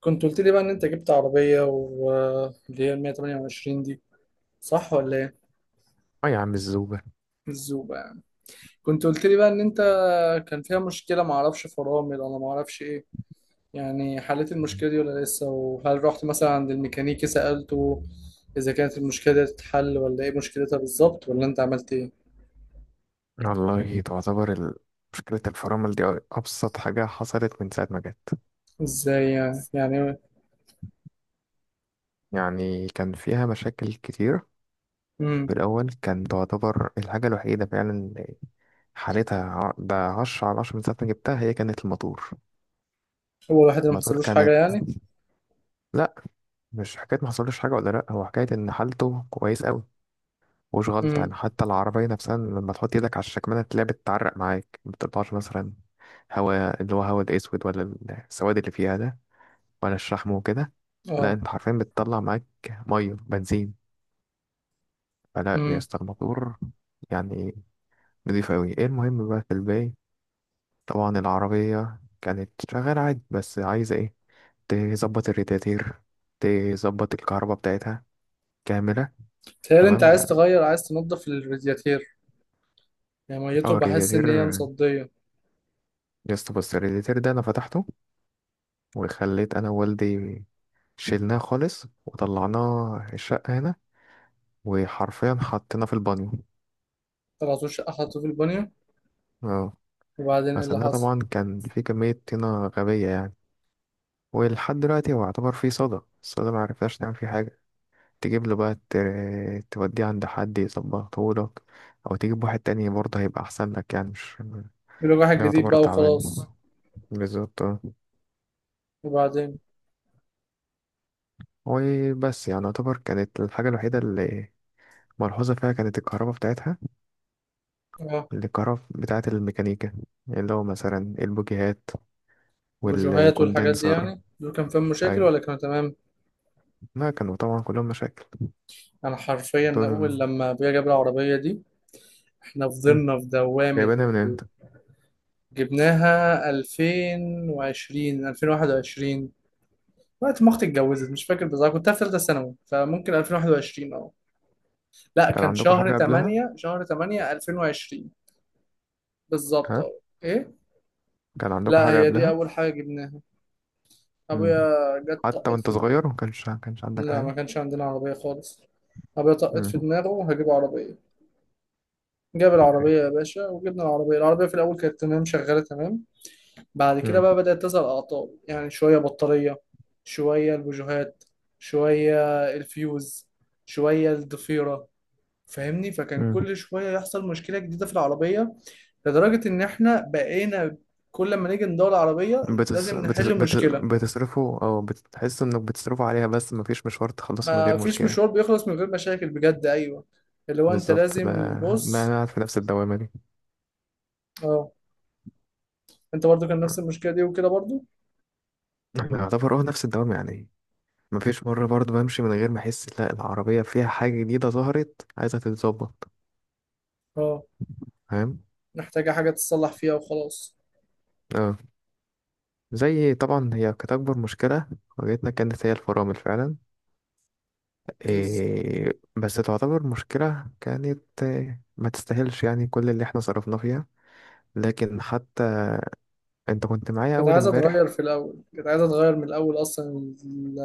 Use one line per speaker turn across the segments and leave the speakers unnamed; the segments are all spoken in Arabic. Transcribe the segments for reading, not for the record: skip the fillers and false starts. كنت قلت لي بقى ان انت جبت عربية واللي هي ال 128 دي، صح ولا ايه؟
اه يا عم الزوبة.
الزوبة يعني. كنت قلت لي بقى ان انت كان فيها مشكلة، ما اعرفش فرامل ولا ما اعرفش ايه. يعني حليت المشكلة دي ولا لسه؟ وهل رحت مثلا عند الميكانيكي سألته اذا كانت المشكلة دي تتحل ولا ايه مشكلتها بالظبط، ولا انت عملت ايه؟
والله مشكلة الفرامل دي أبسط حاجة حصلت من ساعة ما جت.
ازاي يعني؟ يعني
يعني كان فيها مشاكل كتير. في
امم
الأول كان تعتبر الحاجة الوحيدة فعلا حالتها ده عشرة على عشرة من ساعة ما جبتها هي كانت الموتور.
هو الواحد اللي ما
الموتور
حصلوش حاجة
كانت
يعني؟
لأ، مش حكاية محصلوش حاجة ولا لأ، هو حكاية إن حالته كويس أوي، مش غلط يعني.
امم.
حتى العربية نفسها لما تحط إيدك على الشكمانة تلاقيها بتتعرق معاك، مبتطلعش مثلا هوا اللي هو هوا الأسود، ولا السواد اللي فيها ده، ولا الشحم وكده. لا،
اه.
انت حرفيا بتطلع معاك ميه بنزين. فلا يا
امم.
اسطى، الموتور يعني نضيف قوي. ايه المهم بقى في الباقي، طبعا العربيه كانت شغاله عادي بس عايزه ايه، تظبط الرادياتير، تظبط الكهرباء بتاعتها كامله.
تخيل انت
تمام
عايز
يعني.
تغير، عايز تنظف الرادياتير، يعني ميته،
اه
بحس
الرادياتير،
ان هي مصدية.
يا اسطى بص، الرادياتير ده انا فتحته، وخليت انا ووالدي شيلناه خالص وطلعناه الشقه هنا، وحرفيا حطيناه في البانيو.
طلعتوش شقة حطوه في البانيو؟
اه.
وبعدين ايه اللي
غسلناه
حصل؟
طبعا، كان في كمية طينة غبية يعني. ولحد دلوقتي هو يعتبر فيه صدى، الصدى معرفناش نعمل فيه حاجة. تجيب له بقى توديه عند حد يظبطه لك، أو تجيب واحد تاني برضه هيبقى أحسن لك يعني، مش
بيقول لك واحد
ده
جديد
يعتبر
بقى
تعبان.
وخلاص.
بالظبط آه.
وبعدين؟
وبس يعني، يعتبر كانت الحاجة الوحيدة اللي ملحوظة فيها كانت الكهرباء بتاعتها.
اه.
الكهرباء بتاعت الميكانيكا، اللي هو مثلا البوجيهات
بوجوهات والحاجات دي
والكوندنسر.
يعني، دول كان فيهم مشاكل
أيوه،
ولا كانوا تمام؟
ما كانوا طبعا كلهم مشاكل.
انا حرفيا
دول
اول لما ابويا جاب العربية دي، احنا فضلنا في دوامة
جايبينها من
ال-.
امتى؟
جبناها 2020، 2021، وقت ما اختي اتجوزت، مش فاكر بالظبط. كنت في ثالثة ثانوي، فممكن 2021. اه لا،
كان
كان
عندكم
شهر
حاجة قبلها؟
8، شهر 8 2020.
ها،
بالظبط. اه. ايه.
كان عندكم
لا،
حاجة
هي دي
قبلها؟
اول حاجة جبناها.
مم.
أبويا جت
حتى
طقت
وانت
في.
صغير ما كانش عندك
لا، ما
حاجة؟
كانش عندنا عربية خالص. أبويا طقت في
مم.
دماغه هجيب عربية. جاب
حاجة.
العربية يا باشا، وجبنا العربية. العربية في الأول كانت تمام، شغالة تمام. بعد كده
مم.
بقى بدأت تظهر أعطال، يعني شوية بطارية، شوية البوجيهات، شوية الفيوز، شوية الضفيرة، فاهمني؟ فكان
مم.
كل شوية يحصل مشكلة جديدة في العربية، لدرجة إن إحنا بقينا كل ما نيجي ندور العربية
بتس...
لازم
بتس...
نحل
بت...
مشكلة.
بتصرفوا، او بتحس انك بتصرفوا عليها بس مفيش مشوار تخلصه من
ما
غير
فيش
مشكلة.
مشوار بيخلص من غير مشاكل، بجد، ايوه. اللي هو انت
بالظبط، ده
لازم
ده انا
بص.
قاعد في نفس الدوامة دي.
اه. انت برضو كان نفس المشكله دي وكده برضو؟
انا اعتبر اه نفس الدوامة يعني، مفيش مرة برضو بمشي من غير ما احس لا العربية فيها حاجة جديدة ظهرت عايزة تتظبط.
اه.
فاهم؟
محتاجه حاجه تتصلح فيها وخلاص.
اه. زي طبعا هي كانت أكبر مشكلة واجهتنا كانت هي الفرامل فعلا.
بس
إيه بس تعتبر مشكلة كانت إيه، ما تستاهلش يعني كل اللي احنا صرفنا فيها. لكن حتى انت كنت معايا
كانت
أول
عايزه اتغير،
امبارح.
في الاول كانت عايزه اتغير من الاول اصلا. ال-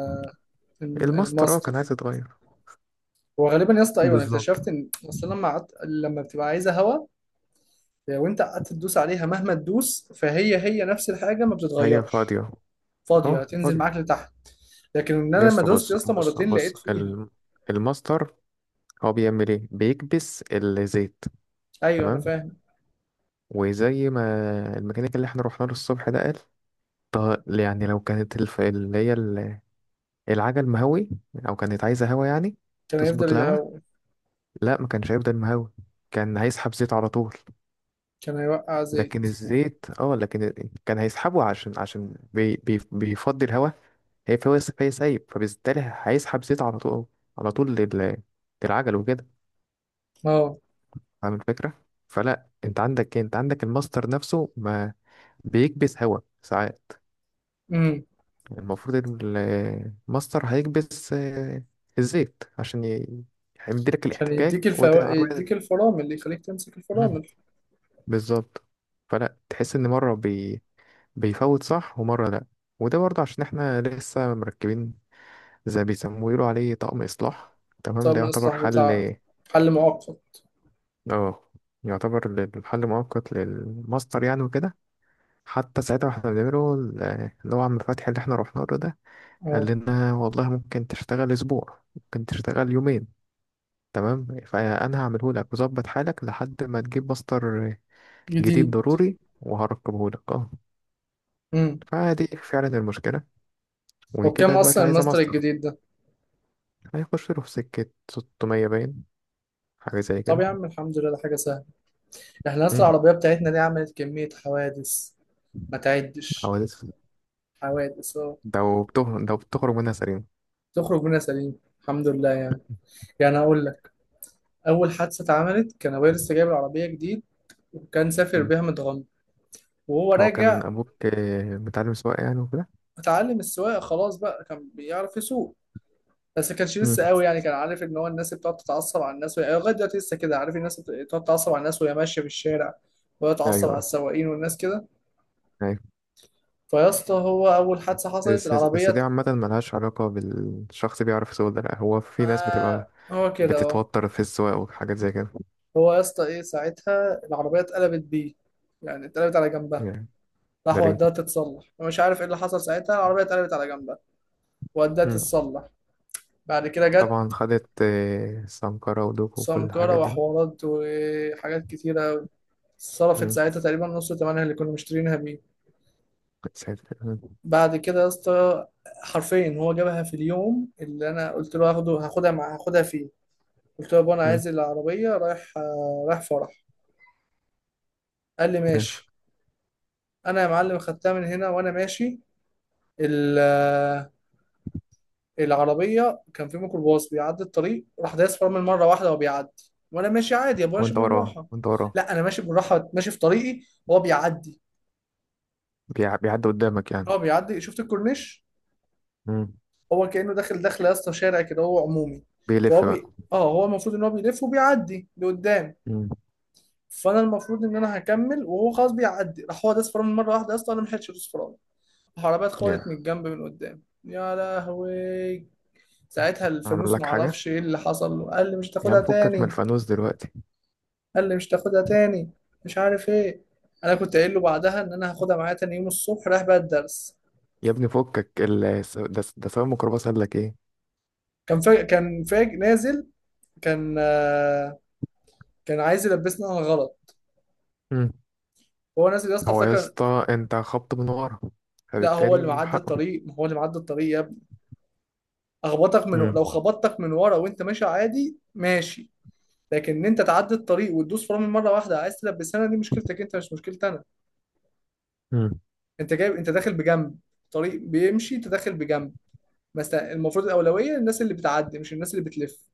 الماستر، اه كان
الماستر.
عايز يتغير.
هو غالبا يا اسطى، ايوه، انا
بالظبط.
اكتشفت ان اصلا لما قعدت، لما بتبقى عايزه هوا، وانت قعدت تدوس عليها مهما تدوس، فهي نفس الحاجه، ما
هي
بتتغيرش.
فاضية.
فاضيه،
اه
هتنزل
فاضية.
معاك لتحت. لكن ان
يا
انا لما
اسطى
دوست يا
بص
اسطى
بص
مرتين
بص،
لقيت فيها.
الماستر هو بيعمل ايه، بيكبس الزيت.
ايوه انا
تمام،
فاهم.
وزي ما الميكانيك اللي احنا رحنا له الصبح ده قال، طب يعني لو كانت اللي هي العجل مهوي، او كانت عايزه هوا يعني،
كان هيفضل
تظبط الهوا،
يهوي.
لا ما كانش هيفضل مهوي، كان هيسحب زيت على طول.
كان هيوقع
لكن
زيت.
الزيت اه، لكن كان هيسحبه عشان عشان بي بي بيفضي الهوا، فهي سايب، فبالتالي هيسحب زيت على طول، على طول للعجل وكده.
اه.
فاهم الفكره؟ فلا انت عندك إيه؟ انت عندك الماستر نفسه ما بيكبس هوا ساعات.
امم.
المفروض الماستر هيكبس الزيت عشان هيمديلك
عشان
الاحتكاك
يديك الفو...،
والعربية.
يديك الفرامل، اللي يخليك تمسك
مم.
الفرامل.
بالظبط. فلا تحس ان بيفوت صح ومره لا. وده برضه عشان احنا لسه مركبين زي بيسموه، يقولوا عليه طقم اصلاح. تمام،
طب
ده
من
يعتبر
الإصلاح
حل.
بتاع، حل مؤقت؟
اه، يعتبر الحل مؤقت للماستر يعني وكده. حتى ساعتها واحنا بنعمله اللي هو عم فتحي اللي احنا رحنا له ده قال
اه.
لنا والله ممكن تشتغل اسبوع، ممكن تشتغل يومين، تمام، فانا هعمله لك وظبط حالك لحد ما تجيب ماستر جديد
جديد.
ضروري وهركبه لك اه.
امم.
فدي فعلا المشكلة،
وبكام
وكده دلوقتي
أصلا
عايزة
الماستر
ماستر.
الجديد ده؟
هيخش له في سكة 600 باين، حاجة زي
طب
كده.
يا عم الحمد لله، ده حاجة سهلة. احنا أصلا
امم،
العربية بتاعتنا دي عملت كمية حوادث، ما تعدش.
حوادث،
حوادث اه.
ده وبته ده بتخرج منها سليم.
تخرج منها سليم الحمد لله يعني. يعني أقول لك، أول حادثة اتعملت كان أبويا لسه جايب العربية جديد، وكان سافر
مم.
بيها متغمر، وهو
هو كان
راجع.
أبوك آه، متعلم سواقة يعني وكده.
اتعلم السواقه، خلاص بقى، كان بيعرف يسوق، بس ما كانش
مم.
لسه قوي. يعني كان عارف ان هو الناس اللي بتقعد تتعصب على الناس وهي-، لغايه دلوقتي لسه كده، عارف الناس اللي بتقعد تتعصب على الناس وهي ماشيه في الشارع، وهي تتعصب على
أيوه،
السواقين والناس كده.
أيوه.
فيا اسطى، هو اول حادثه حصلت
بس
العربيه
بس، دي
ت-.
عامة ملهاش علاقة بالشخص بيعرف يسوق، ده لأ، هو في ناس
آه،
بتبقى
هو كده اهو.
بتتوتر في السواقة وحاجات زي كده
هو يا اسطى، ايه ساعتها العربيه اتقلبت بيه، يعني اتقلبت على جنبها.
يعني. ده
راح وداها
ليه؟
تتصلح، ومش عارف ايه اللي حصل ساعتها العربيه اتقلبت على جنبها. وداها
مم.
تتصلح. بعد كده جت
طبعا خدت آه، سمكرة ودوكو وكل
سمكرة
الحاجات دي.
وحوارات وحاجات كتيرة. صرفت
مم.
ساعتها تقريبا نص ثمنها اللي كنا مشترينها بيه.
ساتر. مم.
بعد كده يا اسطى، حرفيا هو جابها في اليوم اللي انا قلت له هاخدها فيه. قلت له يا بابا، انا
مم.
عايز العربيه، رايح، رايح فرح. قال لي
يعني،
ماشي. انا يا معلم خدتها من هنا وانا ماشي. ال- آه، العربيه كان في ميكروباص بيعدي الطريق، راح دايس فرامل مره واحده وبيعدي، وانا ماشي عادي يا ابو، ماشي
وانت وراه
بالراحه.
وانت وراه
لا انا ماشي بالراحه، ماشي في طريقي، هو بيعدي.
بيعدي قدامك يعني؟
هو بيعدي، شفت الكورنيش؟
مم.
هو كأنه داخل، داخل يا اسطى شارع كده، هو عمومي. فهو
بيلف بقى.
بي... اه هو المفروض ان هو بيلف وبيعدي لقدام.
مم.
فانا المفروض ان انا هكمل، وهو خلاص بيعدي. راح هو داس فرامل مره واحده يا اسطى، انا ما لحقتش ادوس فرامل. العربيه اتخبطت
يا،
من الجنب، من قدام. يا لهوي، ساعتها
اعمل
الفانوس ما
لك حاجة،
اعرفش ايه اللي حصل له. قال لي مش
يا
تاخدها
عم فكك من
تاني.
الفانوس دلوقتي.
قال لي مش تاخدها تاني، مش عارف ايه. انا كنت قايل له بعدها ان انا هاخدها معايا تاني يوم الصبح رايح بقى الدرس.
يا ابني فكك ده سواق الميكروباص قال لك ايه؟
كان فاج نازل. كان آه، كان عايز يلبسني انا غلط.
مم.
هو نازل يا اسطى،
هو يا
افتكر.
اسطى انت خبط من ورا،
لا، هو اللي
فبالتالي
معدي
حقه.
الطريق، ما هو اللي معدي الطريق يا ابني. اخبطك من
مم.
لو خبطتك من ورا وانت ماشي عادي ماشي. لكن ان انت تعدي الطريق وتدوس فرامل مره واحده عايز تلبسها، دي مشكلتك انت، مش مشكلتي انا.
مم.
انت جايب، انت داخل بجنب طريق بيمشي، انت داخل بجنب. مثلا المفروض الاولويه للناس اللي بتعدي، مش الناس اللي بتلف.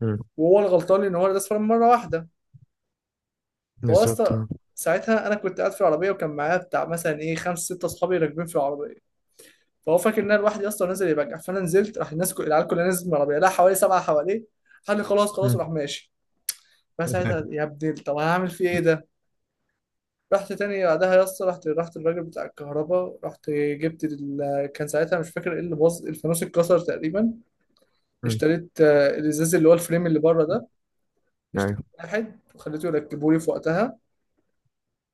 مم.
وهو الغلطان، ان هو داس فرامل مره واحده. هو يا
بالظبط
اسطى،
اه.
ساعتها انا كنت قاعد في العربيه، وكان معايا بتاع مثلا ايه، خمس ست اصحابي راكبين في العربيه. فهو فاكر ان انا لوحدي، اصلا نازل يبجع. فانا نزلت، راح العيال كلها نزلت من العربيه، لا حوالي سبعه حواليه. قال لي خلاص خلاص،
مم.
وراح ماشي. فساعتها يا ابني، طب هعمل فيه ايه ده؟ رحت تاني بعدها يا اسطى، رحت الراجل بتاع الكهرباء. رحت جبت كان ساعتها مش فاكر ايه اللي باظ، الفانوس اتكسر تقريبا.
مم.
اشتريت الازاز اللي هو الفريم اللي بره ده. اشتريت
ايوه،
واحد وخليته يركبه لي في وقتها.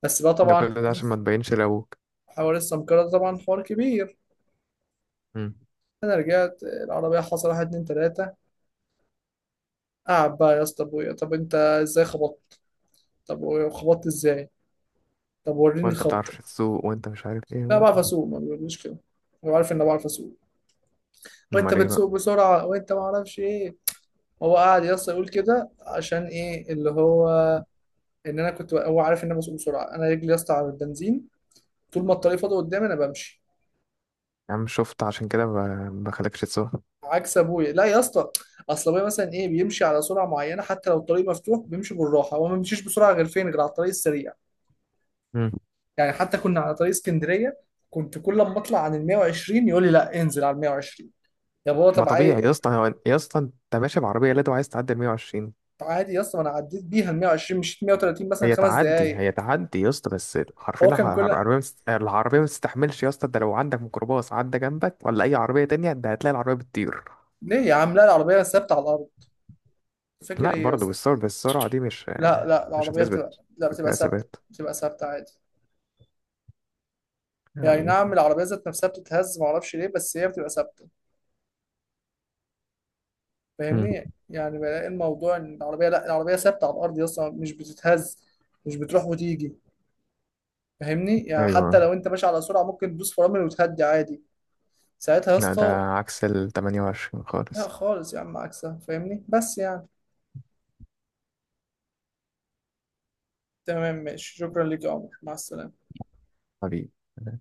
بس بقى
ده
طبعا
كل ده عشان ما تبينش لابوك.
حوار السمكرة ده طبعا حوار كبير.
مم.
انا رجعت، العربيه حصل واحد اتنين تلاته. قعد بقى يا اسطى ابويا، طب انت ازاي خبطت؟ طب وخبطت ازاي؟ طب وريني
وانت
خبطه.
بتعرفش تسوق وانت مش عارف ايه
لا،
و-،
بعرف اسوق، ما بيقوليش كده، هو عارف ان انا بعرف اسوق. وانت
امال ايه بقى؟
بتسوق بسرعه، وانت ما اعرفش ايه. هو قاعد يا اسطى يقول كده عشان ايه اللي هو، ان انا كنت، هو عارف ان انا بسوق بسرعه. انا رجلي يا اسطى على البنزين، طول ما الطريق فاضي قدامي انا بمشي.
يا عم شفت، عشان كده بخليكش تسوق.
عكس ابويا. لا يا اسطى، اصل ابويا مثلا ايه، بيمشي على سرعه معينه، حتى لو الطريق مفتوح بيمشي بالراحه، هو ما بيمشيش بسرعه غير فين؟ غير على الطريق السريع. يعني حتى كنا على طريق اسكندريه، كنت كل ما اطلع عن ال 120 يقول لي لا انزل على ال 120. يا بابا
ما
طب عايز،
طبيعي يا اسطى، يا اسطى انت ماشي بعربيه لادو عايز تعدي ال 120؟
عادي يا اسطى، ما انا عديت بيها ال 120، مشيت 130 مثلا
هي
خمس
تعدي
دقايق
هي تعدي يا اسطى، بس حرفيا
هو كان كل،
العربيه العربيه ما تستحملش يا اسطى. ده لو عندك ميكروباص عدى جنبك، ولا اي عربيه تانية، ده هتلاقي العربيه بتطير.
ليه يا عم؟ لا، العربيه ثابته على الارض، فاكر
لا
ايه يا
برضه،
اسطى؟
بالسرعه دي مش،
لا لا،
مش
العربيه بتبقى،
هتثبت،
لا
يبقى
بتبقى
فيها
ثابته،
ثبات
بتبقى ثابته عادي. يعني
يعني.
نعم العربيه ذات نفسها بتتهز ما اعرفش ليه، بس هي بتبقى ثابته.
امم،
فاهمني؟ يعني بلاقي الموضوع ان العربيه، لا العربيه ثابته على الارض يا اسطى، مش بتتهز، مش بتروح وتيجي. فاهمني؟ يعني حتى
ايوه،
لو انت ماشي على سرعه ممكن تدوس فرامل وتهدي عادي. ساعتها يا
لا ده
اسطى،
عكس ال 28
لا
خالص.
خالص يا عم، عكسها. فاهمني بس يعني. تمام ماشي، شكرا ليك يا عمر، مع السلامة.
حبيبي.